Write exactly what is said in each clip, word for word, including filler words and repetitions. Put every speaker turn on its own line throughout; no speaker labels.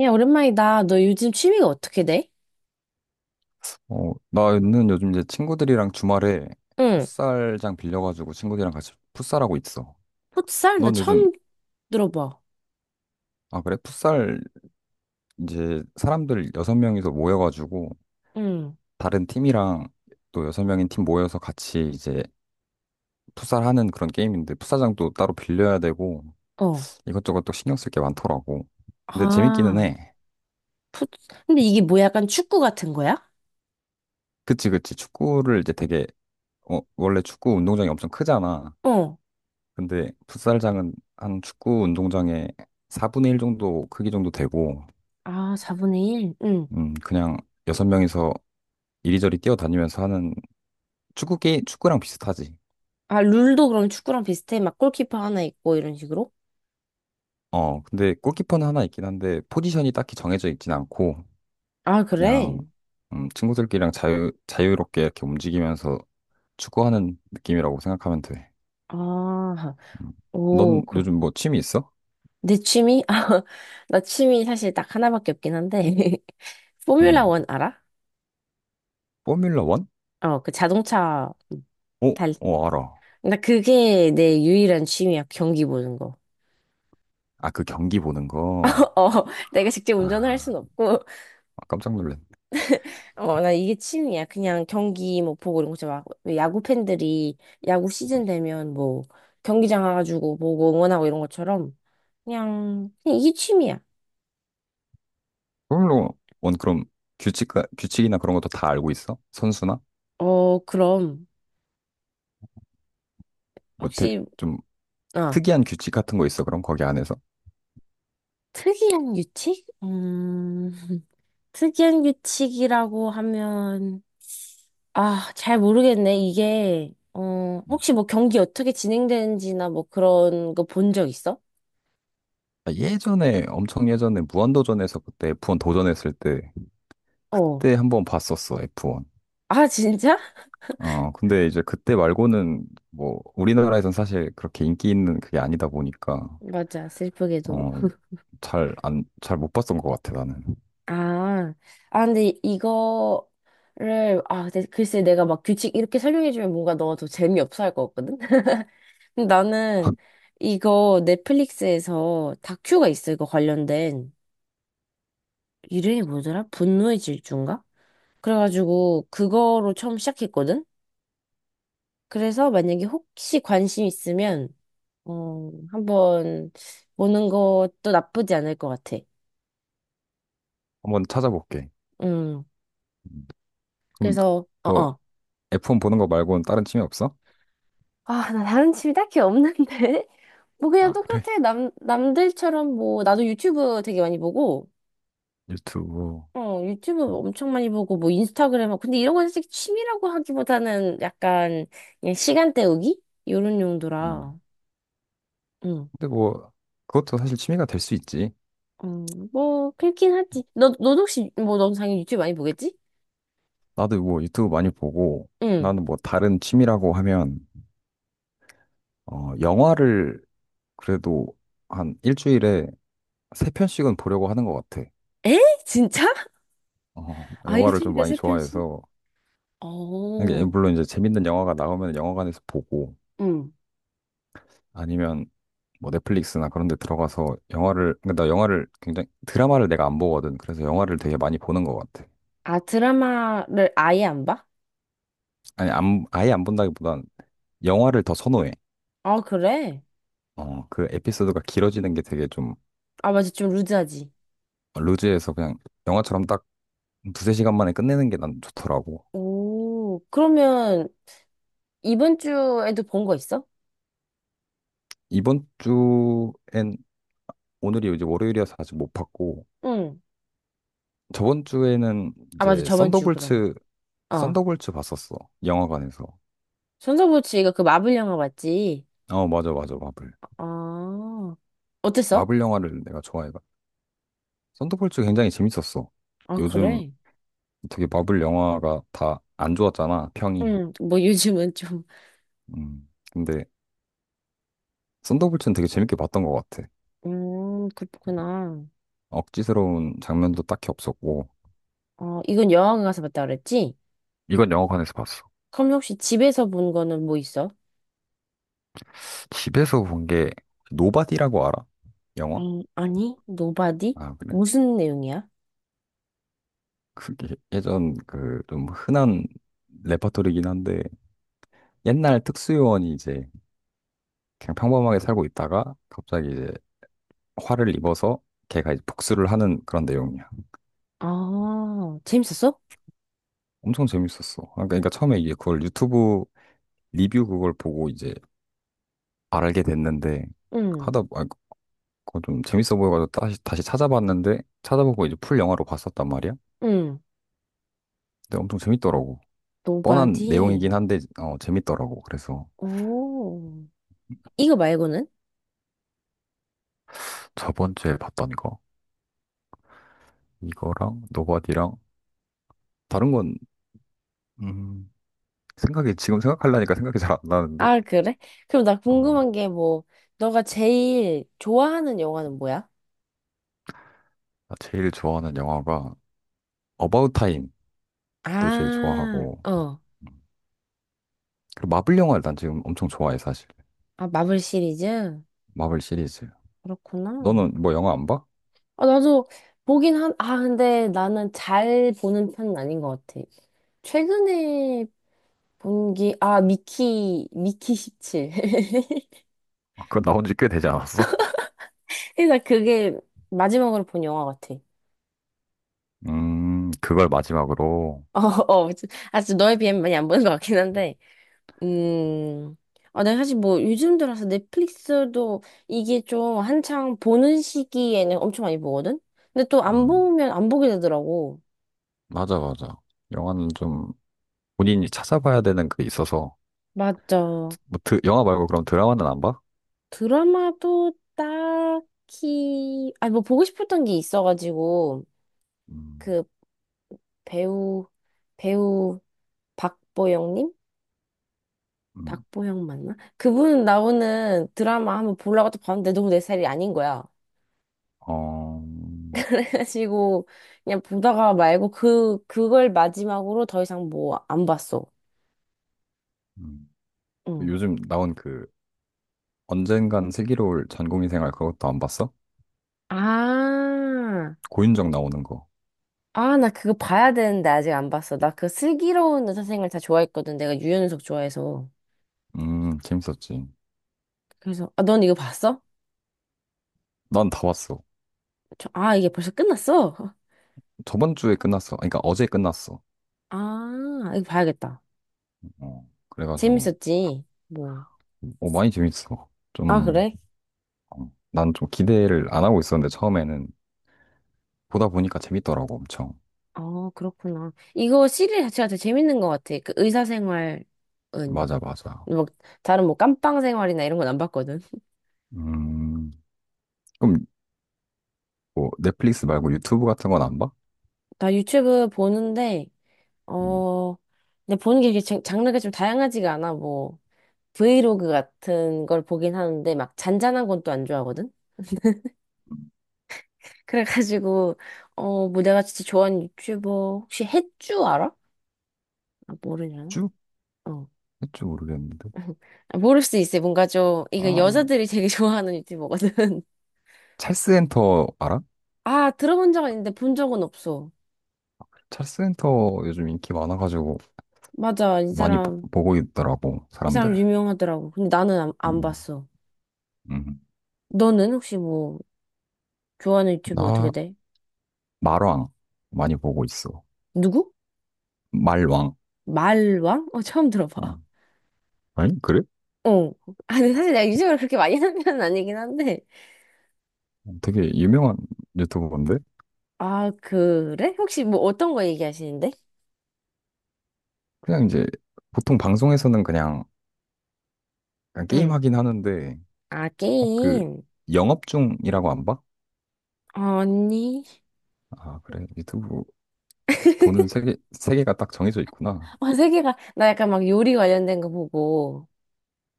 야, 오랜만이다. 너 요즘 취미가 어떻게 돼?
어, 나는 요즘 이제 친구들이랑 주말에
응.
풋살장 빌려가지고 친구들이랑 같이 풋살하고 있어.
풋살? 나
넌 요즘,
처음 들어봐.
아, 그래? 풋살 이제 사람들 여섯 명이서 모여가지고
응.
다른 팀이랑 또 여섯 명인 팀 모여서 같이 이제 풋살하는 그런 게임인데 풋살장도 따로 빌려야 되고
어.
이것저것 또 신경 쓸 게 많더라고. 근데 재밌기는
아,
해.
풋, 근데 이게 뭐 약간 축구 같은 거야?
그치, 그치. 축구를 이제 되게, 어, 원래 축구 운동장이 엄청 크잖아.
어.
근데 풋살장은 한 축구 운동장의 사 분의 일 정도 크기 정도 되고,
아, 사분의 일? 응.
음, 그냥 여섯 명이서 이리저리 뛰어다니면서 하는 축구 게 축구랑 비슷하지.
아, 룰도 그럼 축구랑 비슷해? 막 골키퍼 하나 있고 이런 식으로?
어, 근데 골키퍼는 하나 있긴 한데 포지션이 딱히 정해져 있진 않고
아,
그냥
그래?
음, 친구들끼리랑 자유 자유롭게 이렇게 움직이면서 축구하는 느낌이라고 생각하면 돼.
아,
음.
오,
넌
그,
요즘 뭐 취미 있어?
내 취미? 아, 나 취미 사실 딱 하나밖에 없긴 한데. 포뮬라
음.
원 알아?
포뮬러 원?
어, 그 자동차
어,
달.
어, 알아.
나 그게 내 유일한 취미야. 경기 보는 거.
아, 그 경기 보는 거.
어, 내가 직접 운전을 할 순
아,
없고,
아, 깜짝 놀랐네.
어, 나 이게 취미야. 그냥 경기 뭐 보고 이런 거 있잖아. 막 야구 팬들이 야구 시즌 되면 뭐 경기장 와가지고 보고 응원하고 이런 것처럼 그냥, 그냥 이게 취미야.
그럼 원 그럼 규칙 규칙이나 그런 것도 다 알고 있어? 선수나
어, 그럼
뭐
혹시,
좀
아,
특이한 규칙 같은 거 있어? 그럼 거기 안에서?
특이한 규칙? 음, 특이한 규칙이라고 하면, 아, 잘 모르겠네. 이게, 어,
음.
혹시 뭐 경기 어떻게 진행되는지나 뭐 그런 거 본 적 있어?
아, 예전에 엄청 예전에 무한도전에서 그때 에프 원 도전했을 때
어.
그때 한번 봤었어 에프 원.
아, 진짜?
어 근데 이제 그때 말고는 뭐 우리나라에선 사실 그렇게 인기 있는 그게 아니다 보니까
맞아, 슬프게도.
어, 잘 안, 잘 못 봤던 것 같아, 나는.
아, 아, 근데 이거를, 아, 근데 글쎄 내가 막 규칙 이렇게 설명해주면 뭔가 너가 더 재미없어 할 것 같거든? 근데 나는 이거 넷플릭스에서 다큐가 있어, 이거 관련된. 이름이 뭐더라? 분노의 질주인가? 그래가지고 그거로 처음 시작했거든? 그래서 만약에 혹시 관심 있으면, 어, 한번 보는 것도 나쁘지 않을 것 같아.
한 번 찾아볼게.
음,
음, 그럼
그래서,
그
어어.
에프 원 보는 거 말고는 다른 취미 없어?
아, 나 다른 취미 딱히 없는데? 뭐 그냥
아, 그래?
똑같아. 남, 남들처럼 뭐, 나도 유튜브 되게 많이 보고,
유튜브.
어, 유튜브 엄청 많이 보고, 뭐 인스타그램, 하고. 근데 이런 건 사실 취미라고 하기보다는 약간 그냥 시간 때우기? 이런
음.
용도라. 응.
근데 뭐 그것도 사실 취미가 될 수 있지.
음, 뭐, 그렇긴 하지. 너, 너 혹시, 뭐, 넌 당연히 유튜브 많이 보겠지?
나도 뭐 유튜브 많이 보고
응.
나는 뭐 다른 취미라고 하면 어, 영화를 그래도 한 일주일에 세 편씩은 보려고 하는 것 같아.
에? 진짜?
어,
아,
영화를 좀
일주일에
많이
세 편씩?
좋아해서 이게
어,
물론 이제 재밌는 영화가 나오면 영화관에서 보고
응.
아니면 뭐 넷플릭스나 그런 데 들어가서 영화를 근데 나 영화를 굉장히 드라마를 내가 안 보거든. 그래서 영화를 되게 많이 보는 것 같아.
아, 드라마를 아예 안 봐?
아니 안 아예 안 본다기보단 영화를 더 선호해.
아, 그래?
어, 그 에피소드가 길어지는 게 되게 좀
아, 맞아. 좀 루즈하지.
루즈해서 그냥 영화처럼 딱 두세 시간 만에 끝내는 게 난 좋더라고.
오, 그러면 이번 주에도 본 거 있어?
이번 주엔 오늘이 이제 월요일이어서 아직 못 봤고
응.
저번 주에는
아, 맞아.
이제
저번 주, 그럼.
썬더볼츠
어.
썬더볼츠 봤었어. 영화관에서.
손석구치가 그 마블 영화 봤지?
어, 맞아 맞아. 마블.
아, 어땠어?
마블 영화를 내가 좋아해 썬더볼츠 굉장히 재밌었어.
아,
요즘
그래?
되게 마블 영화가 다 안 좋았잖아, 평이.
응. 뭐 요즘은 좀,
음, 근데 썬더볼츠는 되게 재밌게 봤던 것 같아.
음, 그렇구나.
억지스러운 장면도 딱히 없었고.
어, 이건 영화관 가서 봤다 그랬지?
이건 영화관에서 봤어.
그럼 혹시 집에서 본 거는 뭐 있어?
집에서 본 게 노바디라고 알아? 영화?
음, 아니, 노바디?
아, 그래.
무슨 내용이야?
그게 예전 그 좀 흔한 레퍼토리긴 한데 옛날 특수요원이 이제 그냥 평범하게 살고 있다가 갑자기 이제 화를 입어서 걔가 이제 복수를 하는 그런 내용이야.
아, 재밌었어?
엄청 재밌었어. 아, 그러니까 처음에 이게 그걸 유튜브 리뷰 그걸 보고 이제 알게 됐는데
응,
하다 아, 그거 좀 재밌어 보여가지고 다시 다시 찾아봤는데 찾아보고 이제 풀 영화로 봤었단 말이야.
응.
근데 엄청 재밌더라고. 뻔한
노바디?
내용이긴 한데 어, 재밌더라고. 그래서
오. 이거 말고는?
저번 주에 봤던 거 이거랑 노바디랑 다른 건 음, 생각이 지금 생각하려니까 생각이 잘 안 나는데
아, 그래? 그럼 나
어,
궁금한 게 뭐, 너가 제일 좋아하는 영화는 뭐야?
나 제일 좋아하는 영화가 어바웃 타임도 제일
아,
좋아하고
어.
음, 그리고 마블 영화를 난 지금 엄청 좋아해 사실.
아, 마블 시리즈?
마블 시리즈.
그렇구나.
너는 뭐 영화 안 봐?
아, 나도 보긴 한, 아, 근데 나는 잘 보는 편은 아닌 것 같아. 최근에 본 게, 아, 미키, 미키 십칠.
아, 그거 나온 지 꽤 되지 않았어?
그래서 그게 마지막으로 본 영화 같아.
음, 그걸 마지막으로.
어, 어. 아, 진짜 너에 비하면 많이 안 보는 것 같긴 한데. 음. 아, 내가 사실 뭐 요즘 들어서 넷플릭스도 이게 좀 한창 보는 시기에는 엄청 많이 보거든? 근데 또 안
음,
보면 안 보게 되더라고.
맞아, 맞아. 영화는 좀 본인이 찾아봐야 되는 게 있어서.
맞죠.
뭐, 드, 영화 말고 그럼 드라마는 안 봐?
드라마도 딱히, 아니 뭐 보고 싶었던 게 있어가지고,
음,
그 배우, 배우 박보영님?
음.
박보영 맞나? 그분 나오는 드라마 한번 보려고 또 봤는데 너무 내 스타일이 아닌 거야.
어,
그래가지고 그냥 보다가 말고 그 그걸 마지막으로 더 이상 뭐 안 봤어.
음.
응.
요즘 나온 그 언젠간 슬기로울 전공의 생활 그것도 안 봤어?
아,
고윤정 나오는 거.
아, 나 그거 봐야 되는데 아직 안 봤어. 나 그 슬기로운 의사생활 다 좋아했거든. 내가 유연석 좋아해서.
음, 재밌었지.
그래서 아, 넌 이거 봤어?
난 다 봤어.
저, 아, 이게 벌써 끝났어?
저번 주에 끝났어. 아니, 그러니까 어제 끝났어.
아, 이거 봐야겠다.
어, 그래가지고,
재밌었지. 뭐.
어, 많이 재밌어.
아,
좀
그래?
음, 난좀 기대를 안 하고 있었는데 처음에는 보다 보니까 재밌더라고 엄청.
아, 그렇구나. 이거 시리즈 자체가 되게 재밌는 것 같아. 그 의사생활은
맞아 맞아.
막 다른 뭐 깜빵 생활이나 이런 건 안 봤거든.
음 그럼 뭐 넷플릭스 말고 유튜브 같은 건 안 봐?
나 유튜브 보는데,
음,
어, 근데 보는 게 이렇게 장- 장르가 좀 다양하지가 않아. 뭐, 브이로그 같은 걸 보긴 하는데, 막 잔잔한 건 또 안 좋아하거든? 그래가지고, 어, 뭐 내가 진짜 좋아하는 유튜버, 혹시 햇주 알아? 아, 모르냐?
쭉
어.
했지 모르겠는데.
아, 모를 수 있어. 뭔가 좀, 이거
아
여자들이 되게 좋아하는 유튜버거든.
찰스 엔터 알아?
아, 들어본 적은 있는데 본 적은 없어.
찰스 엔터 요즘 인기 많아가지고
맞아, 이
많이 보-
사람,
보고 있더라고
이 사람
사람들.
유명하더라고. 근데 나는 안, 안
음,
봤어.
음.
너는 혹시 뭐, 좋아하는 유튜버 어떻게
나
돼?
말왕 많이 보고 있어.
누구?
말왕.
말왕? 어, 처음
어.
들어봐.
아니 그래?
어. 아, 근데 사실 내가 유브를 그렇게 많이 하는 편은 아니긴 한데.
되게 유명한 유튜버인데
아, 그래? 혹시 뭐 어떤 거 얘기하시는데?
그냥 이제 보통 방송에서는 그냥 그냥 게임
응.
하긴 하는데,
아,
어, 그,
게임.
영업 중이라고 안 봐?
언니.
아, 그래. 유튜브 보는 세계, 세계가 딱 정해져 있구나.
어, 세계가, 나 약간 막 요리 관련된 거 보고,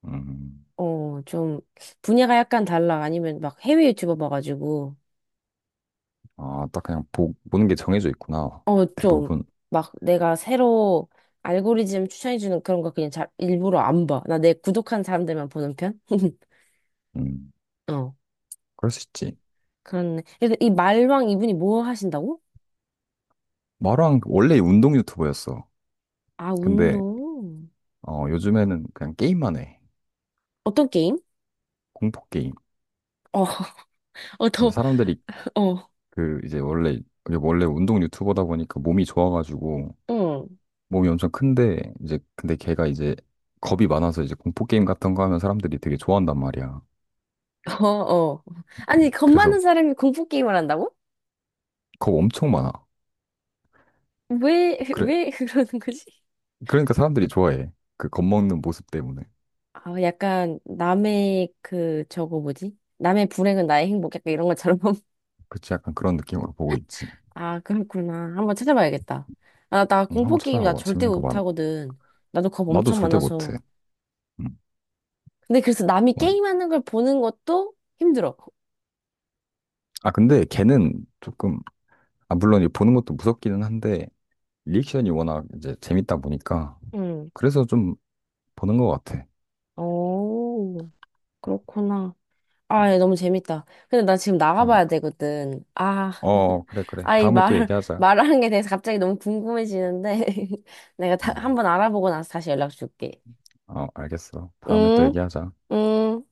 음,
어, 좀, 분야가 약간 달라. 아니면 막 해외 유튜버 봐가지고,
아, 딱 그냥 보, 보는 게 정해져 있구나.
어, 좀,
대부분.
막 내가 새로 알고리즘 추천해주는 그런 거 그냥 잘, 일부러 안 봐. 나 내 구독한 사람들만 보는 편?
음,
어.
그럴 수 있지.
그렇네. 그래서 이 말왕 이분이 뭐 하신다고?
마루랑 원래 운동 유튜버였어.
아,
근데,
운동.
어, 요즘에는 그냥 게임만 해.
어떤 게임?
공포 게임.
어, 어,
근데
더,
사람들이
어,
그, 이제 원래, 원래 운동 유튜버다 보니까 몸이 좋아가지고,
응,
몸이 엄청 큰데 이제 근데 걔가 이제 겁이 많아서 이제 공포 게임 같은 거 하면 사람들이 되게 좋아한단 말이야.
어, 어. 아니, 겁
그래서
많은 사람이 공포 게임을 한다고?
겁 엄청 많아.
왜,
그래
왜 그러는 거지?
그러니까 사람들이 좋아해. 그 겁 먹는 모습 때문에.
아, 약간 남의 그, 저거 뭐지? 남의 불행은 나의 행복, 약간 이런 것처럼.
그치 약간 그런 느낌으로 보고 있지.
아, 그렇구나. 한번 찾아봐야겠다. 아, 나
음, 한번
공포 게임 나
찾아봐봐.
절대
재밌는 거 많아.
못하거든. 나도 겁
나도
엄청
절대
많아서.
못해. 음,
근데 그래서 남이
와.
게임하는 걸 보는 것도 힘들어.
아 근데 걔는 조금 아 물론 이 보는 것도 무섭기는 한데 리액션이 워낙 이제 재밌다 보니까 그래서 좀 보는 것 같아.
오, 그렇구나.
음,
아, 예, 너무 재밌다. 근데 나 지금 나가봐야
그러니까.
되거든. 아,
어 그래 그래
아, 이
다음에 또
말,
얘기하자.
말하는 게 대해서 갑자기 너무 궁금해지는데. 내가 다,
음.
한번 알아보고 나서 다시 연락 줄게.
어, 알겠어. 다음에 또
응,
얘기하자.
응.